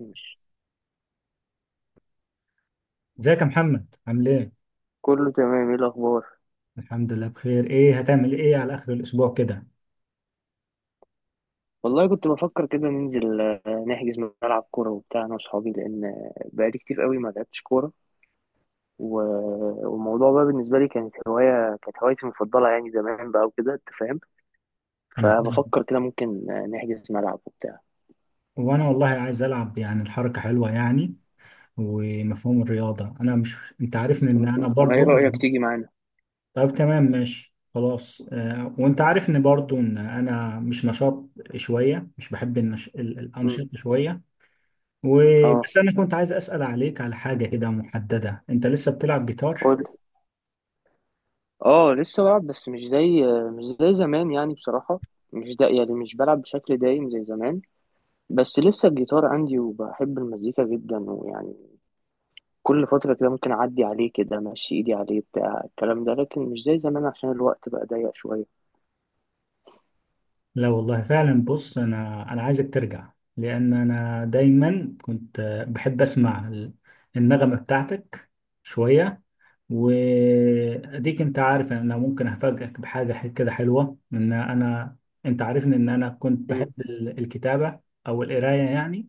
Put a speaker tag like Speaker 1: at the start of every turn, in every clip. Speaker 1: ماشي.
Speaker 2: ازيك يا محمد، عامل ايه؟
Speaker 1: كله تمام. ايه الاخبار؟
Speaker 2: الحمد لله بخير. ايه هتعمل ايه على اخر الاسبوع كده؟
Speaker 1: والله كنت بفكر كده ننزل، نحجز ملعب كوره وبتاع انا واصحابي لان بقالي كتير قوي ما لعبتش كوره. والموضوع بقى بالنسبه لي كانت هوايه، كانت هوايتي المفضله يعني زمان بقى وكده انت فاهم.
Speaker 2: انا تمام.
Speaker 1: فبفكر كده ممكن نحجز ملعب وبتاع.
Speaker 2: وانا والله عايز العب، يعني الحركة حلوة يعني. ومفهوم الرياضة، انا مش، انت عارفني ان
Speaker 1: طب
Speaker 2: انا
Speaker 1: ما ايه
Speaker 2: برضو.
Speaker 1: رايك تيجي معانا؟
Speaker 2: طب تمام ماشي خلاص، وانت عارفني برضو ان انا مش نشاط شوية، مش بحب
Speaker 1: مم.
Speaker 2: الانشطة شوية.
Speaker 1: اه،
Speaker 2: وبس انا كنت عايز اسأل عليك على حاجة كده محددة، انت لسه بتلعب جيتار؟
Speaker 1: قول. اه لسه بلعب بس مش زي زمان يعني بصراحه. مش ده، يعني مش بلعب بشكل دايم زي زمان، بس لسه الجيتار عندي وبحب المزيكا جدا. ويعني كل فترة كده ممكن أعدي عليه كده، أمشي إيدي عليه بتاع الكلام ده، لكن مش زي زمان عشان الوقت بقى ضيق شوية.
Speaker 2: لا والله فعلا، بص، انا عايزك ترجع، لان انا دايما كنت بحب اسمع النغمه بتاعتك شويه. واديك انت عارف ان انا ممكن افاجئك بحاجه كده حلوه، ان انا، انت عارفني ان انا كنت
Speaker 1: مم.
Speaker 2: بحب الكتابه او القرايه يعني.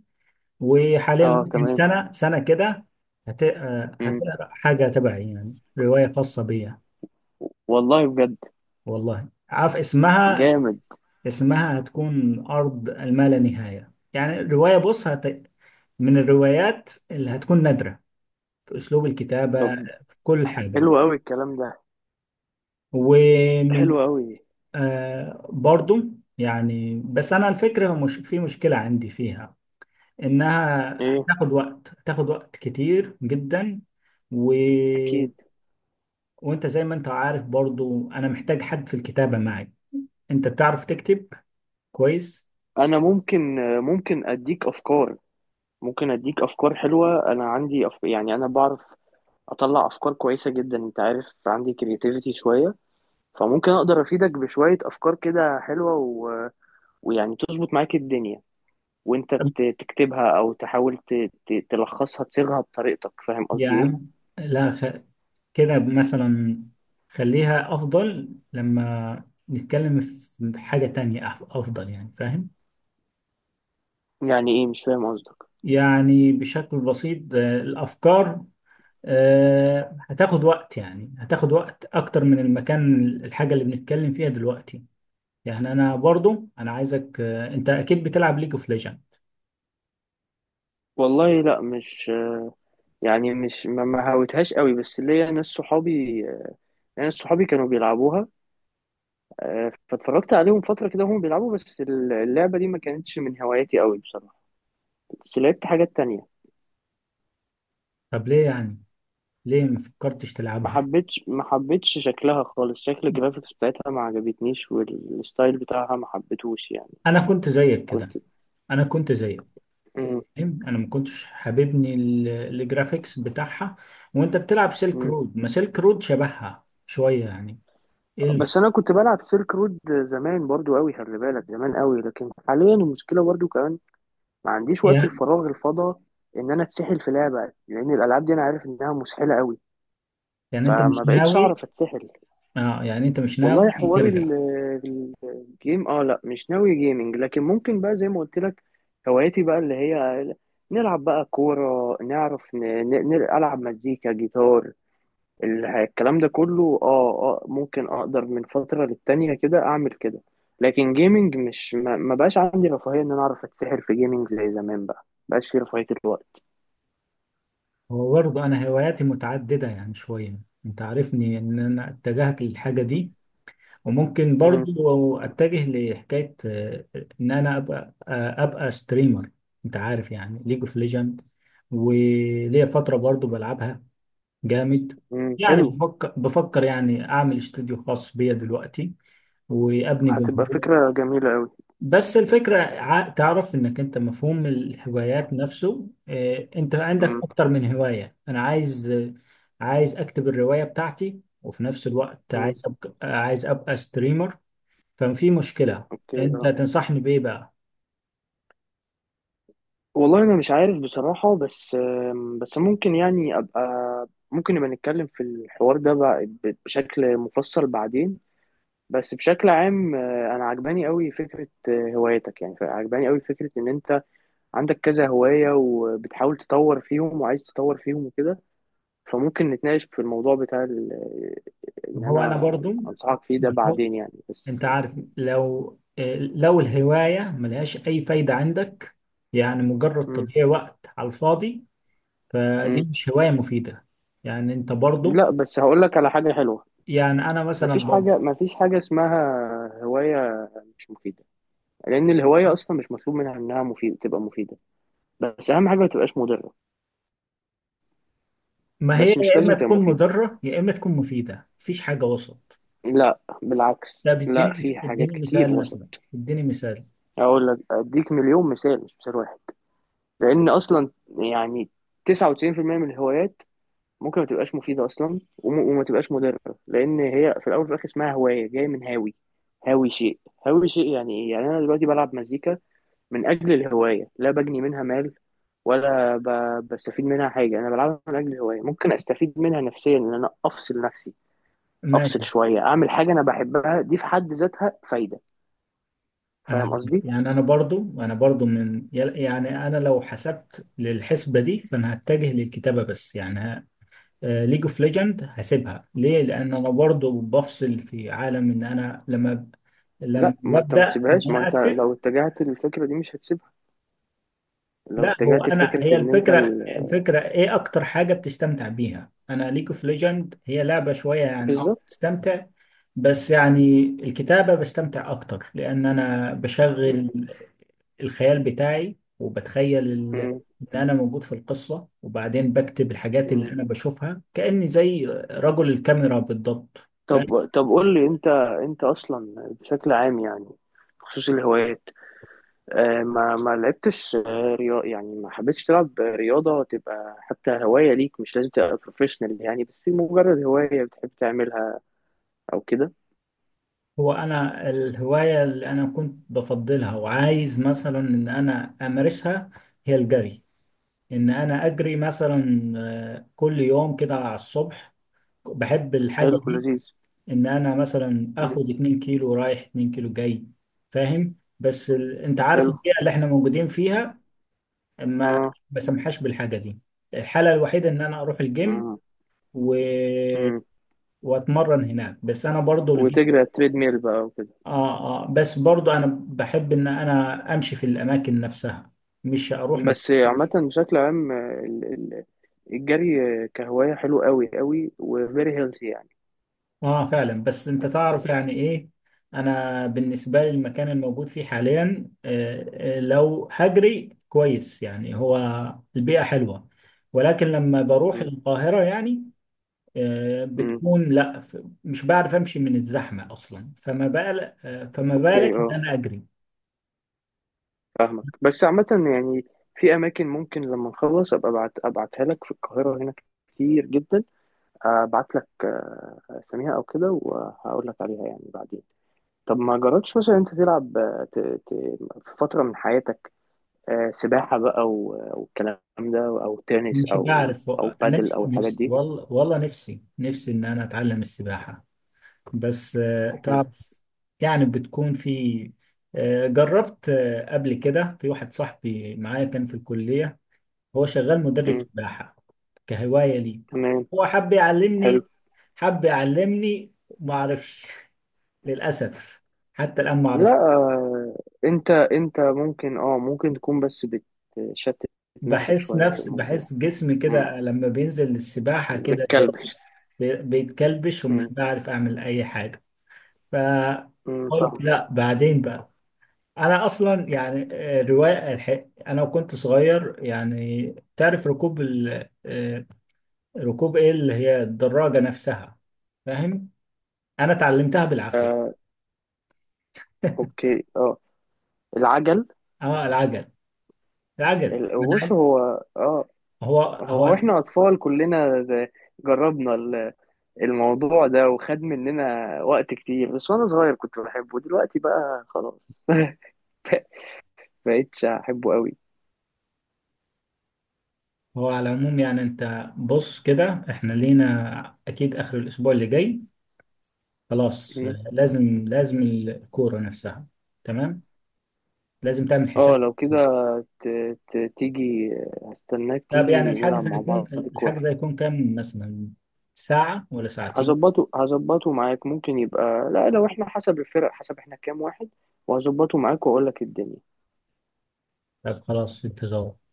Speaker 2: وحاليا
Speaker 1: آه
Speaker 2: ممكن
Speaker 1: تمام.
Speaker 2: سنه سنه كده
Speaker 1: مم.
Speaker 2: هتقرا حاجه تبعي، يعني روايه خاصه بيا.
Speaker 1: والله بجد
Speaker 2: والله عارف اسمها؟
Speaker 1: جامد.
Speaker 2: اسمها هتكون أرض الما لا نهاية. يعني الرواية بص من الروايات اللي هتكون نادرة في أسلوب الكتابة،
Speaker 1: طب.
Speaker 2: في كل حاجة.
Speaker 1: حلو أوي الكلام ده، حلو
Speaker 2: ومن
Speaker 1: أوي.
Speaker 2: برضو يعني، بس أنا الفكرة مش في مشكلة عندي فيها، إنها
Speaker 1: إيه
Speaker 2: هتاخد وقت، هتاخد وقت كتير جدا. و...
Speaker 1: أكيد.
Speaker 2: وأنت زي ما أنت عارف برضو، أنا محتاج حد في الكتابة معي. أنت بتعرف تكتب كويس.
Speaker 1: أنا ممكن أديك أفكار، ممكن أديك أفكار حلوة. أنا عندي يعني أنا بعرف أطلع أفكار كويسة جدا، أنت عارف عندي كرياتيفيتي شوية. فممكن أقدر أفيدك بشوية أفكار كده حلوة ويعني تظبط معاك الدنيا، وانت تكتبها او تحاول تلخصها تصيغها بطريقتك، فاهم
Speaker 2: يا
Speaker 1: قصدي ايه؟
Speaker 2: عم لا خ... كده مثلا خليها أفضل لما نتكلم في حاجة تانية، أفضل يعني، فاهم؟
Speaker 1: يعني ايه، مش فاهم قصدك.
Speaker 2: يعني بشكل بسيط، الأفكار هتاخد وقت، يعني هتاخد وقت أكتر من المكان، الحاجة اللي بنتكلم فيها دلوقتي. يعني أنا برضو أنا عايزك، أنت أكيد بتلعب ليج اوف ليجند.
Speaker 1: والله لا مش، يعني مش ما هاوتهاش قوي، بس ليا ناس صحابي، ناس صحابي كانوا بيلعبوها. فاتفرجت عليهم فترة كده وهم بيلعبوا، بس اللعبة دي ما كانتش من هواياتي قوي بصراحة، بس لعبت حاجات تانية.
Speaker 2: طب ليه يعني، ليه ما فكرتش
Speaker 1: ما
Speaker 2: تلعبها؟
Speaker 1: حبيتش ما حبيتش شكلها خالص، شكل الجرافيكس بتاعتها ما عجبتنيش والستايل بتاعها ما حبيتهوش يعني.
Speaker 2: أنا كنت زيك كده.
Speaker 1: كنت.
Speaker 2: أنا كنت زيك، انا ما كنتش حاببني الجرافيكس بتاعها. وانت بتلعب سيلك
Speaker 1: مم.
Speaker 2: رود، ما سيلك رود شبهها شويه يعني
Speaker 1: بس
Speaker 2: الف.
Speaker 1: انا كنت بلعب سيلك رود زمان برضو قوي، خلي بالك زمان قوي، لكن حاليا المشكله برضو كمان ما عنديش وقت
Speaker 2: يعني،
Speaker 1: الفراغ الفضا ان انا اتسحل في لعبه، لان الالعاب دي انا عارف انها مسحله قوي،
Speaker 2: يعني انت مش
Speaker 1: فما بقتش
Speaker 2: ناوي؟
Speaker 1: اعرف اتسحل.
Speaker 2: اه يعني انت مش
Speaker 1: والله
Speaker 2: ناوي
Speaker 1: حوار
Speaker 2: ترجع؟
Speaker 1: الجيم، اه لا مش ناوي جيمنج، لكن ممكن بقى زي ما قلت لك هواياتي بقى اللي هي نلعب بقى كوره، نعرف نلعب مزيكا جيتار، الكلام ده كله. اه اه ممكن اقدر من فترة للتانية كده اعمل كده، لكن جيمنج مش ما بقاش عندي رفاهية ان انا اعرف اتسحر في جيمنج زي زمان بقى، ما بقاش في رفاهية الوقت.
Speaker 2: هو برضه انا هواياتي متعدده يعني شويه. انت عارفني ان انا اتجهت للحاجه دي، وممكن
Speaker 1: امم
Speaker 2: برضه اتجه لحكايه، ان انا ابقى، ابقى ستريمر. انت عارف، يعني ليج اوف ليجند، وليا فتره برضه بلعبها جامد. يعني
Speaker 1: حلو.
Speaker 2: بفكر يعني اعمل استوديو خاص بيا دلوقتي، وابني
Speaker 1: هتبقى
Speaker 2: جمهور.
Speaker 1: فكرة جميلة قوي.
Speaker 2: بس الفكره، تعرف انك انت مفهوم الهوايات نفسه، انت عندك
Speaker 1: امم
Speaker 2: اكتر من هوايه. انا عايز، عايز اكتب الروايه بتاعتي، وفي نفس الوقت
Speaker 1: امم.
Speaker 2: عايز ابقى، عايز ابقى ستريمر. ففي مشكله.
Speaker 1: اوكي
Speaker 2: انت
Speaker 1: اه.
Speaker 2: تنصحني بايه بقى؟
Speaker 1: والله انا مش عارف بصراحة، بس بس ممكن يعني ابقى، ممكن نبقى نتكلم في الحوار ده بقى بشكل مفصل بعدين. بس بشكل عام انا عجباني قوي فكرة هوايتك، يعني عجباني قوي فكرة ان انت عندك كذا هواية وبتحاول تطور فيهم وعايز تطور فيهم وكده. فممكن نتناقش في الموضوع بتاع ان
Speaker 2: ما هو انا
Speaker 1: انا
Speaker 2: برضو،
Speaker 1: انصحك فيه ده بعدين يعني
Speaker 2: انت
Speaker 1: بس.
Speaker 2: عارف، لو الهواية ملهاش اي فايدة عندك، يعني مجرد
Speaker 1: مم.
Speaker 2: تضييع وقت على الفاضي، فدي
Speaker 1: مم.
Speaker 2: مش هواية مفيدة. يعني انت برضو،
Speaker 1: لا، بس هقول لك على حاجة حلوة.
Speaker 2: يعني انا مثلا
Speaker 1: مفيش
Speaker 2: برضو،
Speaker 1: حاجة، مفيش حاجة اسمها هواية مش مفيدة، لأن الهواية أصلا مش مطلوب منها إنها مفيدة تبقى مفيدة، بس أهم حاجة ما تبقاش مضرة.
Speaker 2: ما هي
Speaker 1: بس مش
Speaker 2: يا اما
Speaker 1: لازم تبقى
Speaker 2: تكون
Speaker 1: مفيدة.
Speaker 2: مضرة يا اما تكون مفيدة، مفيش حاجة وسط.
Speaker 1: لا بالعكس،
Speaker 2: طب اديني
Speaker 1: لا في حاجات
Speaker 2: اديني
Speaker 1: كتير
Speaker 2: مثال
Speaker 1: وصل.
Speaker 2: مثلا، اديني مثال.
Speaker 1: أقول لك أديك مليون مثال مش مثال واحد، لان اصلا يعني 99% من الهوايات ممكن ما تبقاش مفيده اصلا وما تبقاش مضره، لان هي في الاول وفي الاخر اسمها هوايه جايه من هاوي، هاوي شيء. هاوي شيء يعني ايه؟ يعني انا دلوقتي بلعب مزيكا من اجل الهوايه، لا بجني منها مال ولا ب... بستفيد منها حاجه، انا بلعبها من اجل الهوايه. ممكن استفيد منها نفسيا ان انا افصل نفسي، افصل
Speaker 2: ماشي.
Speaker 1: شويه، اعمل حاجه انا بحبها، دي في حد ذاتها فايده. فاهم
Speaker 2: انا
Speaker 1: قصدي؟
Speaker 2: يعني، انا برضو يعني انا لو حسبت للحسبة دي، فانا هتجه للكتابة، بس يعني ليج اوف ليجند هسيبها ليه؟ لان انا برضو بفصل في عالم، ان انا لما لما
Speaker 1: لا، ما انت
Speaker 2: ببدا
Speaker 1: ما
Speaker 2: ان
Speaker 1: تسيبهاش، ما
Speaker 2: انا
Speaker 1: انت
Speaker 2: اكتب.
Speaker 1: لو اتجهت للفكره دي مش هتسيبها. لو
Speaker 2: لا هو
Speaker 1: اتجهت
Speaker 2: انا،
Speaker 1: لفكرة
Speaker 2: هي
Speaker 1: إن أنت
Speaker 2: الفكره، الفكره ايه اكتر حاجه بتستمتع بيها؟ انا ليج اوف ليجند هي لعبه شويه يعني، اه
Speaker 1: بالظبط.
Speaker 2: بستمتع. بس يعني الكتابه بستمتع اكتر، لان انا
Speaker 1: مم.
Speaker 2: بشغل الخيال بتاعي، وبتخيل
Speaker 1: مم.
Speaker 2: ان انا موجود في القصه، وبعدين بكتب الحاجات اللي
Speaker 1: مم.
Speaker 2: انا بشوفها كاني زي رجل الكاميرا بالضبط.
Speaker 1: طب، قول لي أنت، أنت أصلا بشكل عام يعني بخصوص الهوايات، آه ما لعبتش رياضة؟ يعني ما حبيتش تلعب رياضة تبقى حتى هواية ليك؟ مش لازم تبقى بروفيشنال، يعني بس مجرد هواية بتحب تعملها أو كده.
Speaker 2: هو انا الهوايه اللي انا كنت بفضلها وعايز مثلا ان انا امارسها هي الجري. ان انا اجري مثلا، كل يوم كده على الصبح، بحب الحاجه
Speaker 1: حلو
Speaker 2: دي.
Speaker 1: لذيذ.
Speaker 2: ان انا مثلا
Speaker 1: مم.
Speaker 2: اخد 2 كيلو رايح 2 كيلو جاي، فاهم؟ انت عارف
Speaker 1: حلو.
Speaker 2: البيئه اللي احنا موجودين فيها، ما
Speaker 1: آه.
Speaker 2: بسمحاش بالحاجه دي. الحاله الوحيده ان انا اروح الجيم
Speaker 1: مم.
Speaker 2: و...
Speaker 1: مم.
Speaker 2: واتمرن هناك. بس انا برضو الجيم،
Speaker 1: وتجري على التريد ميل بقى.
Speaker 2: اه اه، بس برضو انا بحب ان انا امشي في الاماكن نفسها، مش اروح
Speaker 1: بس
Speaker 2: مكان.
Speaker 1: عامة بشكل عام، الجري كهواية حلو قوي قوي، وفيري هيلثي يعني.
Speaker 2: اه فعلا، بس انت تعرف يعني ايه، انا بالنسبه لي المكان الموجود فيه حاليا، لو هجري كويس يعني هو البيئه حلوه. ولكن لما بروح
Speaker 1: مم.
Speaker 2: القاهره يعني،
Speaker 1: مم.
Speaker 2: بتكون لا، مش بعرف امشي من الزحمه اصلا، فما بالك، فما بالك
Speaker 1: اوكي
Speaker 2: ان
Speaker 1: اه،
Speaker 2: انا اجري؟
Speaker 1: فاهمك. بس عامة يعني في أماكن، ممكن لما نخلص أبقى أبعت، أبعتها لك في القاهرة هنا كتير جدا. أبعت لك أساميها أو كده، وهقول لك عليها يعني بعدين. طب ما جربتش مثلا أنت تلعب في فترة من حياتك سباحة بقى والكلام ده، أو تنس
Speaker 2: مش
Speaker 1: أو
Speaker 2: بعرف
Speaker 1: أو
Speaker 2: انا،
Speaker 1: بادل
Speaker 2: نفسي
Speaker 1: أو الحاجات
Speaker 2: نفسي
Speaker 1: دي؟
Speaker 2: والله والله، نفسي نفسي ان انا اتعلم السباحه، بس
Speaker 1: حلو.
Speaker 2: تعرف، يعني بتكون في، جربت قبل كده. في واحد صاحبي معايا كان في الكلية، هو شغال مدرب سباحة. كهواية لي،
Speaker 1: تمام.
Speaker 2: هو حب
Speaker 1: حلو.
Speaker 2: يعلمني، حب يعلمني. ما اعرفش للأسف، حتى الآن ما
Speaker 1: لا،
Speaker 2: اعرف.
Speaker 1: انت انت ممكن اه ممكن تكون بس بتشتت نفسك
Speaker 2: بحس
Speaker 1: شوية في
Speaker 2: نفس،
Speaker 1: الموضوع.
Speaker 2: بحس جسمي
Speaker 1: مم.
Speaker 2: كده لما بينزل للسباحة، كده زي
Speaker 1: متكلبش.
Speaker 2: بيتكلبش، ومش
Speaker 1: مم.
Speaker 2: بعرف أعمل أي حاجة،
Speaker 1: مم،
Speaker 2: فقلت
Speaker 1: فاهم.
Speaker 2: لا بعدين بقى. انا اصلا يعني، روايه الحق انا وكنت صغير يعني، تعرف ركوب ال... آه، ركوب ايه اللي هي الدراجه نفسها، فاهم، انا اتعلمتها بالعافيه.
Speaker 1: اوكي اه، العجل.
Speaker 2: اه العجل. العجل أنا
Speaker 1: بص
Speaker 2: عارف.
Speaker 1: هو، اه
Speaker 2: هو هو
Speaker 1: هو، احنا اطفال كلنا جربنا الموضوع ده، وخد مننا وقت كتير، بس وانا صغير كنت بحبه، دلوقتي بقى خلاص بقيتش احبه.
Speaker 2: هو على العموم يعني، انت بص كده، احنا لينا اكيد اخر الاسبوع اللي جاي. خلاص
Speaker 1: قوي.
Speaker 2: لازم، لازم الكوره نفسها. تمام، لازم تعمل حساب.
Speaker 1: اه لو كده ت... تيجي، هستناك
Speaker 2: طب يعني
Speaker 1: تيجي نلعب
Speaker 2: الحجز
Speaker 1: مع
Speaker 2: هيكون،
Speaker 1: بعض. كورة.
Speaker 2: الحجز هيكون كام مثلا؟ ساعه ولا ساعتين؟
Speaker 1: هظبطه معاك، ممكن يبقى، لا لو احنا حسب الفرق، حسب احنا كام واحد، وهظبطه معاك واقول لك الدنيا.
Speaker 2: طب خلاص، في انتظار.